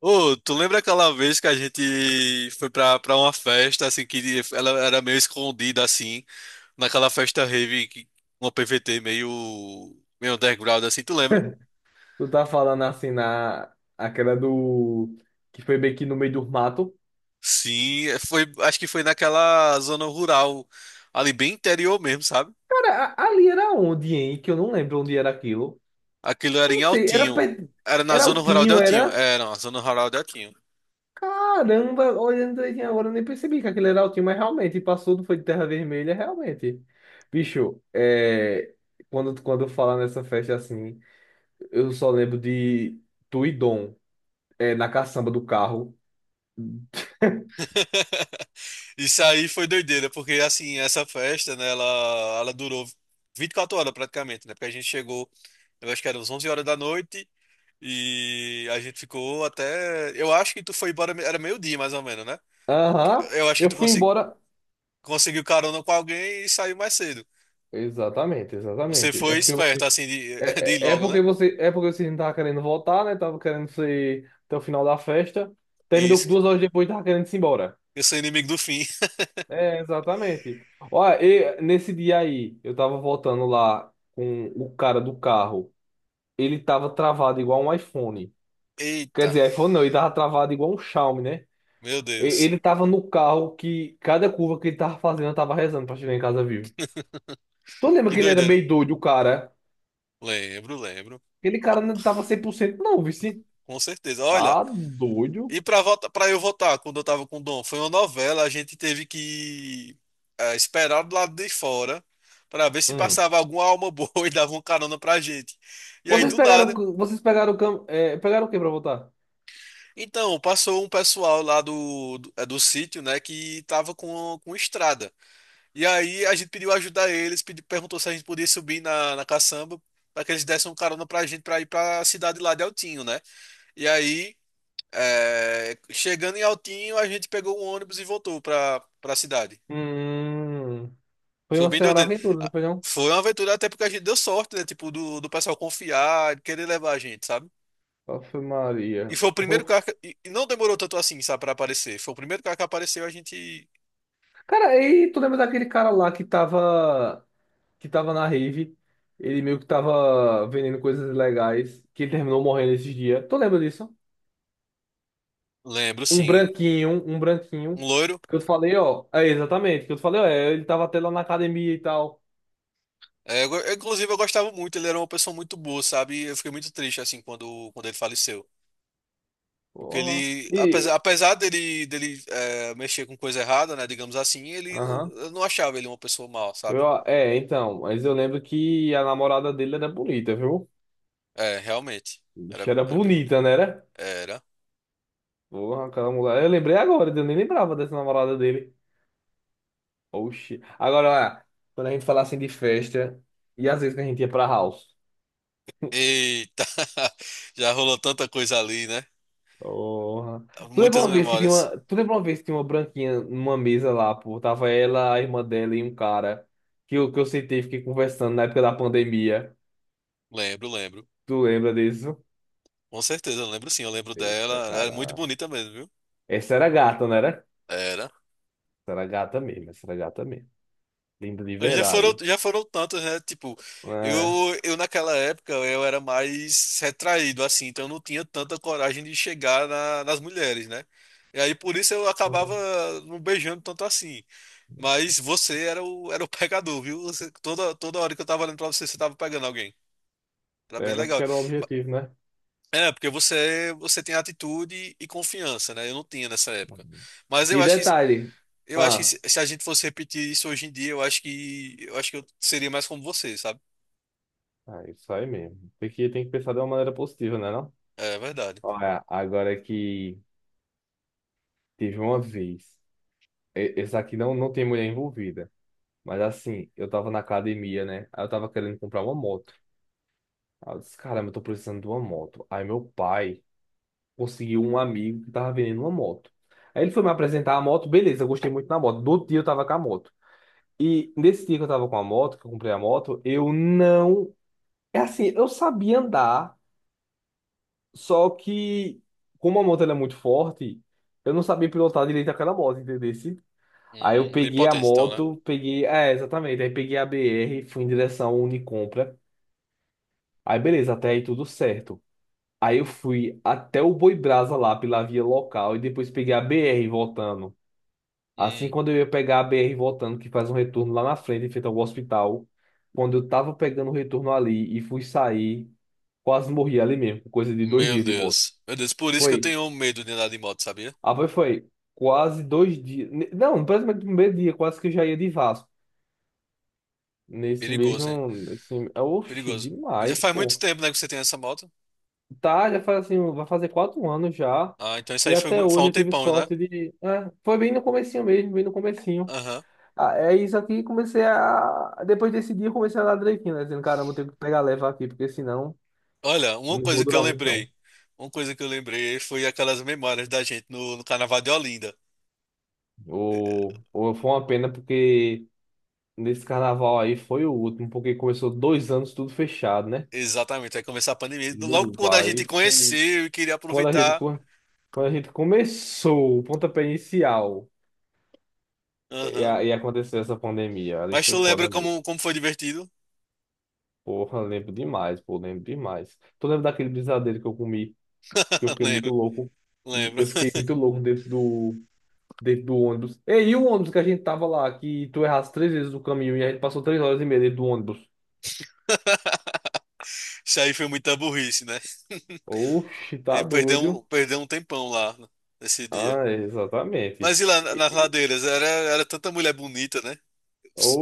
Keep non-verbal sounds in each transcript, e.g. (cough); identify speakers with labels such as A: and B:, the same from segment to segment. A: Ô, tu lembra aquela vez que a gente foi pra uma festa, assim, que ela era meio escondida, assim, naquela festa rave, uma PVT meio underground, assim, tu lembra?
B: Tu tá falando assim na aquela do que foi bem aqui no meio do mato.
A: Sim, é, foi, acho que foi naquela zona rural, ali bem interior mesmo, sabe?
B: Cara, ali era onde, hein? Que eu não lembro onde era aquilo.
A: Aquilo era
B: Eu não
A: em
B: sei, era
A: Altinho.
B: perto,
A: Era na
B: era
A: zona rural de
B: Altinho,
A: Altinho.
B: era.
A: É, não, a zona rural de Altinho.
B: Caramba, olhando aí agora, eu nem percebi que aquele era Altinho, mas realmente passou, do foi de terra vermelha, realmente. Bicho, é, quando falar nessa festa assim, eu só lembro de tu e Dom, é, na caçamba do carro.
A: (laughs) Isso aí foi doideira, porque assim, essa festa, né, ela durou 24 horas praticamente, né? Porque a gente chegou, eu acho que era uns 11 horas da noite e a gente ficou até, eu acho que tu foi embora, era meio-dia mais ou menos, né?
B: Aham.
A: Eu acho que
B: Eu fui embora.
A: conseguiu carona com alguém e saiu mais cedo.
B: Exatamente,
A: Você
B: exatamente. É
A: foi
B: porque
A: esperto,
B: vocês.
A: assim, (laughs) de ir
B: É, é é
A: logo, né?
B: porque você, é porque vocês não estavam querendo voltar, né? Tava querendo ser até o final da festa. Terminou que
A: Isso,
B: 2 horas depois, tava querendo ir embora.
A: eu sou inimigo do fim.
B: É, exatamente. Olha, e nesse dia aí, eu tava voltando lá com o cara do carro. Ele tava travado igual um iPhone.
A: (laughs)
B: Quer
A: Eita,
B: dizer, iPhone não, ele tava travado igual um Xiaomi, né?
A: meu Deus.
B: Ele tava no carro que cada curva que ele tava fazendo, eu tava rezando pra chegar em casa vivo. Tu lembra
A: Que
B: que ele era
A: doideira, né?
B: meio doido, o cara?
A: Lembro, lembro.
B: Aquele
A: Ó,
B: cara não tava 100% não, vice.
A: com certeza. Olha,
B: Tá doido.
A: e pra eu votar, quando eu tava com o Dom, foi uma novela, a gente teve que esperar do lado de fora pra ver se
B: Hum.
A: passava alguma alma boa (laughs) e dava uma carona pra gente. E aí, do nada,
B: Vocês pegaram, o cam- é, pegaram o que pra votar?
A: então, passou um pessoal lá do do sítio, né, que tava com estrada. E aí, a gente pediu ajuda a eles, perguntou se a gente podia subir na caçamba pra que eles dessem uma carona pra gente pra ir pra cidade lá de Altinho, né? E aí, é, chegando em Altinho, a gente pegou um ônibus e voltou pra cidade.
B: Hum. Foi
A: Foi
B: uma
A: bem subindo,
B: senhora aventura, não
A: ah,
B: foi não?
A: foi uma aventura até porque a gente deu sorte, né? Tipo, do pessoal confiar, querer levar a gente, sabe?
B: Ave
A: E
B: Maria.
A: foi o primeiro
B: Oh.
A: carro que, e não demorou tanto assim, sabe, pra aparecer. Foi o primeiro carro que apareceu, a gente.
B: Cara, e tu lembra daquele cara lá que tava na rave? Ele meio que tava vendendo coisas ilegais, que ele terminou morrendo esses dias. Tu lembra disso?
A: Lembro,
B: Um
A: sim.
B: branquinho, um
A: Um
B: branquinho.
A: loiro.
B: Que eu te falei, ó. É, exatamente. Que eu te falei, ó. Ele tava até lá na academia e tal.
A: É, eu inclusive, eu gostava muito, ele era uma pessoa muito boa, sabe? Eu fiquei muito triste, assim, quando, quando ele faleceu. Porque
B: Porra.
A: ele, apesar dele, dele mexer com coisa errada, né, digamos assim, ele,
B: Aham.
A: eu não achava ele uma pessoa mal, sabe?
B: Então, mas eu lembro que a namorada dele era bonita, viu?
A: É, realmente.
B: Bicho,
A: Era,
B: era
A: era bem.
B: bonita, né? Era?
A: Era.
B: Porra, aquela mulher. Eu lembrei agora, eu nem lembrava dessa namorada dele. Oxi. Agora, olha, quando a gente fala assim de festa, e às vezes que a gente ia pra house.
A: Eita! (laughs) Já rolou tanta coisa ali, né?
B: Porra.
A: Muitas memórias.
B: Tu lembra uma vez que tinha uma branquinha numa mesa lá, pô? Tava ela, a irmã dela e um cara que eu sentei e fiquei conversando na época da pandemia.
A: Lembro, lembro.
B: Tu lembra disso?
A: Com certeza, eu lembro sim, eu lembro
B: Eita,
A: dela. Era muito
B: cara.
A: bonita mesmo, viu?
B: Essa era gata, né?
A: Era.
B: Era gata mesmo, essa era gata mesmo. Linda de verdade.
A: Já foram tantas, né? Tipo,
B: É,
A: eu naquela época eu era mais retraído, assim, então eu não tinha tanta coragem de chegar nas mulheres, né? E aí por isso eu acabava
B: hum,
A: não beijando tanto assim. Mas você era era o (laughs) pegador, viu? Toda, toda hora que eu tava olhando pra você, você tava pegando alguém. Era bem
B: era porque
A: legal.
B: era o
A: Ma-
B: objetivo, né?
A: É, porque você, você tem atitude e confiança, né? Eu não tinha nessa época.
B: Uhum.
A: Mas eu
B: E
A: acho que
B: detalhe.
A: eu acho que
B: Ah,
A: se a gente fosse repetir isso hoje em dia, eu acho que eu seria mais como você, sabe?
B: é isso aí mesmo. Tem que pensar de uma maneira positiva, né, não?
A: É verdade.
B: Olha, agora que teve uma vez. Esse aqui não, não tem mulher envolvida. Mas assim, eu tava na academia, né? Aí eu tava querendo comprar uma moto. Aí eu disse, caramba, eu tô precisando de uma moto. Aí meu pai conseguiu um amigo que tava vendendo uma moto. Aí ele foi me apresentar a moto, beleza, eu gostei muito da moto. Do outro dia eu tava com a moto. E nesse dia que eu tava com a moto, que eu comprei a moto, eu não. É assim, eu sabia andar, só que como a moto ela é muito forte, eu não sabia pilotar direito aquela moto, entendeu? Aí eu
A: Bem
B: peguei a
A: potente então, né?
B: moto, peguei. É, exatamente. Aí peguei a BR, fui em direção ao Unicompra. Aí beleza, até aí tudo certo. Aí eu fui até o Boi Brasa lá pela via local e depois peguei a BR voltando. Assim,
A: Hum,
B: quando eu ia pegar a BR voltando, que faz um retorno lá na frente, em frente ao hospital, quando eu tava pegando o retorno ali e fui sair, quase morri ali mesmo, por coisa de dois
A: meu
B: dias de moto.
A: Deus. Meu Deus, por isso que eu
B: Foi,
A: tenho medo de andar de moto, sabia?
B: foi, quase 2 dias, não, praticamente no primeiro dia, quase que eu já ia de Vasco. Nesse
A: Perigoso, hein?
B: mesmo, nesse, oxe,
A: Perigoso. Já
B: demais,
A: faz muito
B: pô.
A: tempo, né, que você tem essa moto.
B: Tá, já faz assim, vai fazer 4 anos já,
A: Ah, então isso
B: e
A: aí foi,
B: até
A: foi há
B: hoje
A: um
B: eu tive
A: tempão, né?
B: sorte de, é, foi bem no comecinho mesmo, bem no comecinho.
A: Aham.
B: Ah, é isso aqui, comecei a. Depois desse dia, eu comecei a andar direitinho, né? Dizendo, caramba, vou ter que pegar leva aqui, porque senão
A: Olha, uma
B: não vou
A: coisa que eu
B: durar muito, não.
A: lembrei. Uma coisa que eu lembrei foi aquelas memórias da gente no Carnaval de Olinda.
B: Ou, foi uma pena, porque nesse carnaval aí foi o último, porque começou 2 anos tudo fechado, né?
A: Exatamente, aí começar a pandemia. Logo
B: No
A: quando a
B: aí
A: gente
B: foi.
A: conheceu e queria
B: Quando a gente,
A: aproveitar.
B: co- quando a gente começou o pontapé inicial e,
A: Aham.
B: e aconteceu essa pandemia, ali
A: Mas
B: foi
A: tu lembra
B: foda mesmo.
A: como, como foi divertido?
B: Porra, lembro demais, pô, lembro demais. Tu lembra daquele brisadeiro que eu comi? Que eu
A: (laughs)
B: fiquei
A: Lembro,
B: muito louco.
A: lembro.
B: Eu fiquei muito louco dentro do ônibus. É, e aí, o ônibus que a gente tava lá, que tu errasse três vezes o caminho e a gente passou 3 horas e meia dentro do ônibus.
A: Isso aí foi muita burrice, né? (laughs)
B: Oxi, tá
A: E perdeu
B: doido.
A: perdeu um tempão lá né, nesse dia.
B: Ah, é, exatamente.
A: Mas e lá
B: E-
A: nas
B: e-
A: ladeiras? Era, era tanta mulher bonita, né?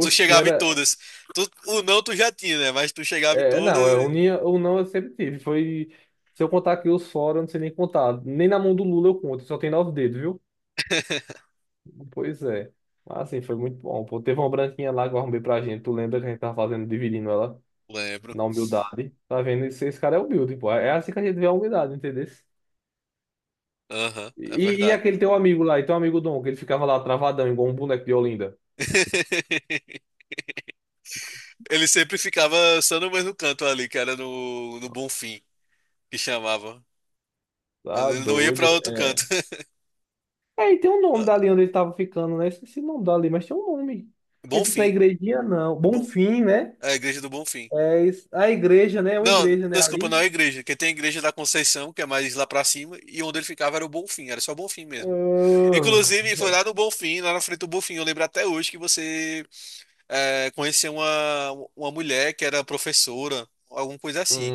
A: Tu chegava em
B: era.
A: todas. Tu, o não tu já tinha, né? Mas tu chegava em
B: É, não, é
A: todas.
B: unia ou não eu sempre tive. Foi. Se eu contar aqui os fora, eu não sei nem contar. Nem na mão do Lula eu conto, só tem nove dedos, viu?
A: (laughs)
B: Pois é. Mas assim, foi muito bom. Pô, teve uma branquinha lá que eu arrumei pra gente. Tu lembra que a gente tava fazendo, dividindo ela?
A: Lembro.
B: Na humildade. Tá vendo? Esse cara é humilde, pô. É assim que a gente vê a humildade, entendeu?
A: Aham, é
B: E
A: verdade.
B: aquele teu amigo lá, e teu amigo Dom, que ele ficava lá travadão, igual um boneco de Olinda.
A: (laughs) Ele sempre ficava só no mesmo canto ali, que era no Bonfim, que chamava. Mas
B: Tá
A: ele não ia pra
B: doido?
A: outro canto.
B: É. É, e tem um nome dali
A: (laughs)
B: onde ele tava ficando, né? Esqueci o nome dali, mas tem um nome. É tipo na
A: Bonfim.
B: igrejinha, não.
A: É bom,
B: Bonfim, né?
A: é a igreja do Bonfim.
B: É isso. A igreja, né? É uma
A: Não,
B: igreja, né?
A: desculpa,
B: Ali.
A: não é igreja, porque tem a igreja da Conceição, que é mais lá pra cima, e onde ele ficava era o Bonfim, era só o Bonfim mesmo.
B: Ah.
A: Inclusive, foi lá no Bonfim, lá na frente do Bonfim, eu lembro até hoje que você é, conheceu uma mulher que era professora, alguma coisa assim,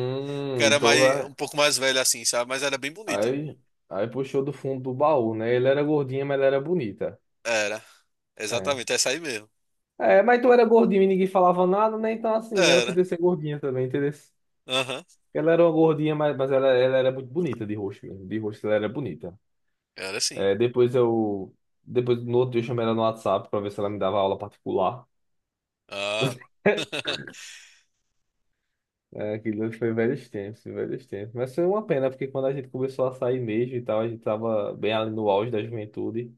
A: que era
B: Então
A: mais,
B: vai.
A: um pouco mais velha assim, sabe? Mas era bem bonita.
B: Aí, aí puxou do fundo do baú, né? Ele era gordinha, mas ela era bonita.
A: Era,
B: É.
A: exatamente, essa aí mesmo.
B: É, mas tu era gordinho e ninguém falava nada, né? Então, assim, ela
A: Era,
B: podia ser gordinha também, entendeu?
A: aham,
B: Ela era uma gordinha, mas ela era muito bonita de rosto mesmo. De rosto ela era bonita.
A: era sim.
B: É, depois eu. Depois, no outro dia, eu chamei ela no WhatsApp pra ver se ela me dava aula particular.
A: Ah,
B: (laughs)
A: (laughs)
B: É, aquilo foi velhos tempos, velhos tempos. Mas foi uma pena, porque quando a gente começou a sair mesmo e tal, a gente tava bem ali no auge da juventude.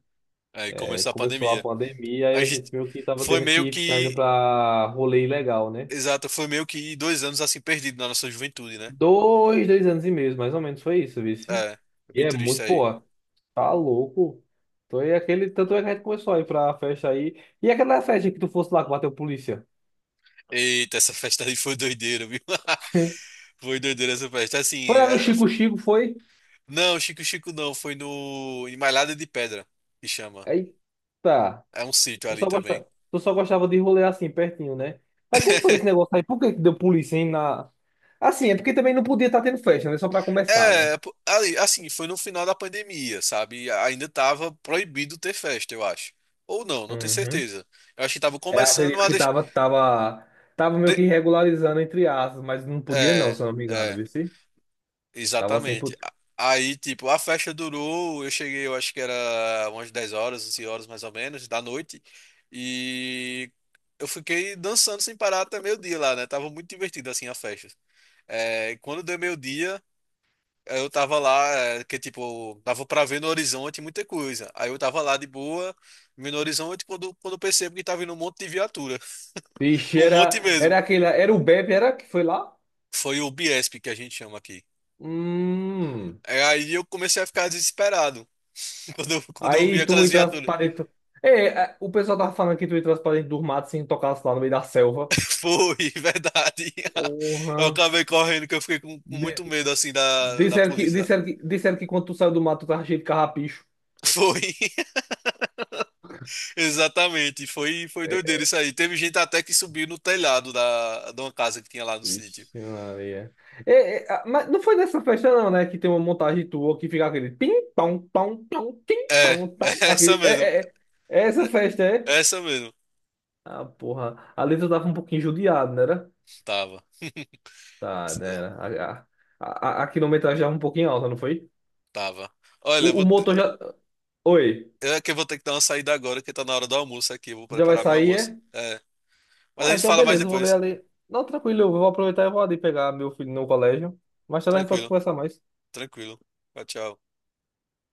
A: aí
B: É,
A: começou a
B: começou a
A: pandemia.
B: pandemia e
A: A
B: a gente
A: gente
B: meio que tava
A: foi
B: tendo
A: meio
B: que ficar indo
A: que
B: pra rolê ilegal, né?
A: exato, foi meio que 2 anos assim perdido na nossa juventude, né?
B: 2 anos e meio, mais ou menos, foi isso, vice.
A: É, foi
B: E
A: bem
B: é
A: triste isso
B: muito,
A: aí.
B: pô, tá louco. Então é aquele, tanto é que a gente começou a ir pra festa aí. E aquela festa que tu fosse lá que bateu polícia?
A: Eita, essa festa aí foi doideira, viu?
B: (laughs)
A: (laughs) Foi doideira essa festa. Assim,
B: Foi lá no Chico Chico, foi?
A: não, Chico Chico não, foi no em Malhada de Pedra, que chama.
B: Eita.
A: É um sítio ali também.
B: Tu só gostava de rolê assim, pertinho, né? Mas como foi esse
A: (laughs)
B: negócio aí? Por que que deu polícia, hein, na... Assim, é porque também não podia estar tendo festa, né? Só pra começar, né?
A: É, pô, ali, assim, foi no final da pandemia, sabe? Ainda tava proibido ter festa, eu acho. Ou não, não tenho
B: Uhum.
A: certeza. Eu acho que tava
B: É,
A: começando
B: acredito
A: a
B: que
A: deixar.
B: tava, meio que regularizando entre aspas, mas não podia não,
A: É,
B: se eu não me engano,
A: é,
B: viu? Tava sem
A: exatamente.
B: putz.
A: Aí, tipo, a festa durou, eu cheguei, eu acho que era umas 10 horas, 11 horas mais ou menos, da noite, e eu fiquei dançando sem parar até meio-dia lá, né? Tava muito divertido, assim, a festa. É, e quando deu meio-dia, eu tava lá, é, que, tipo, dava pra ver no horizonte muita coisa. Aí eu tava lá de boa, vendo no horizonte, quando, quando eu percebo que tava vindo um monte de viatura, (laughs)
B: Ixi,
A: um
B: era,
A: monte mesmo.
B: aquele. Era o Bebe, era que foi lá?
A: Foi o Biesp que a gente chama aqui.
B: Hum.
A: É, aí eu comecei a ficar desesperado. Quando eu vi
B: Aí tu
A: aquelas
B: entrasse
A: viaturas.
B: pra dentro. É, é, o pessoal tava falando que tu entrasse pra dentro dos matos sem tocasse lá no meio da selva.
A: Foi, (laughs) verdade. Eu
B: Porra.
A: acabei correndo, que eu fiquei com
B: De-
A: muito medo, assim, da
B: disseram que,
A: polícia, sabe?
B: disseram que, disseram que quando tu saiu do mato tu tava cheio de carrapicho.
A: Foi, (laughs) exatamente. Foi, foi doideira isso aí. Teve gente até que subiu no telhado da, de uma casa que tinha lá no sítio.
B: Vixe, Maria. Mas não foi nessa festa, não, né? Que tem uma montagem tua que fica aquele tim, pão, pão, pão, tim,
A: É,
B: pão,
A: (laughs)
B: pão.
A: é essa
B: Aquele,
A: mesmo.
B: é
A: É,
B: essa festa, é?
A: é essa mesmo.
B: Ah, porra. A letra tava um pouquinho judiada, não era?
A: Tava,
B: Tá, né, era. A quilometragem tava um pouquinho alta, não foi?
A: tava. Olha,
B: O, o motor já. Oi,
A: eu é que eu vou ter que dar uma saída agora, que tá na hora do almoço aqui. Eu vou
B: já vai
A: preparar meu
B: sair,
A: almoço.
B: é?
A: É, mas a
B: Ah,
A: gente
B: então
A: fala mais
B: beleza, eu vou ver
A: depois.
B: ali. Não, tranquilo, eu vou aproveitar e vou ali pegar meu filho no colégio. Mais tarde a gente pode
A: Tranquilo,
B: conversar mais.
A: tranquilo. Tchau, tchau.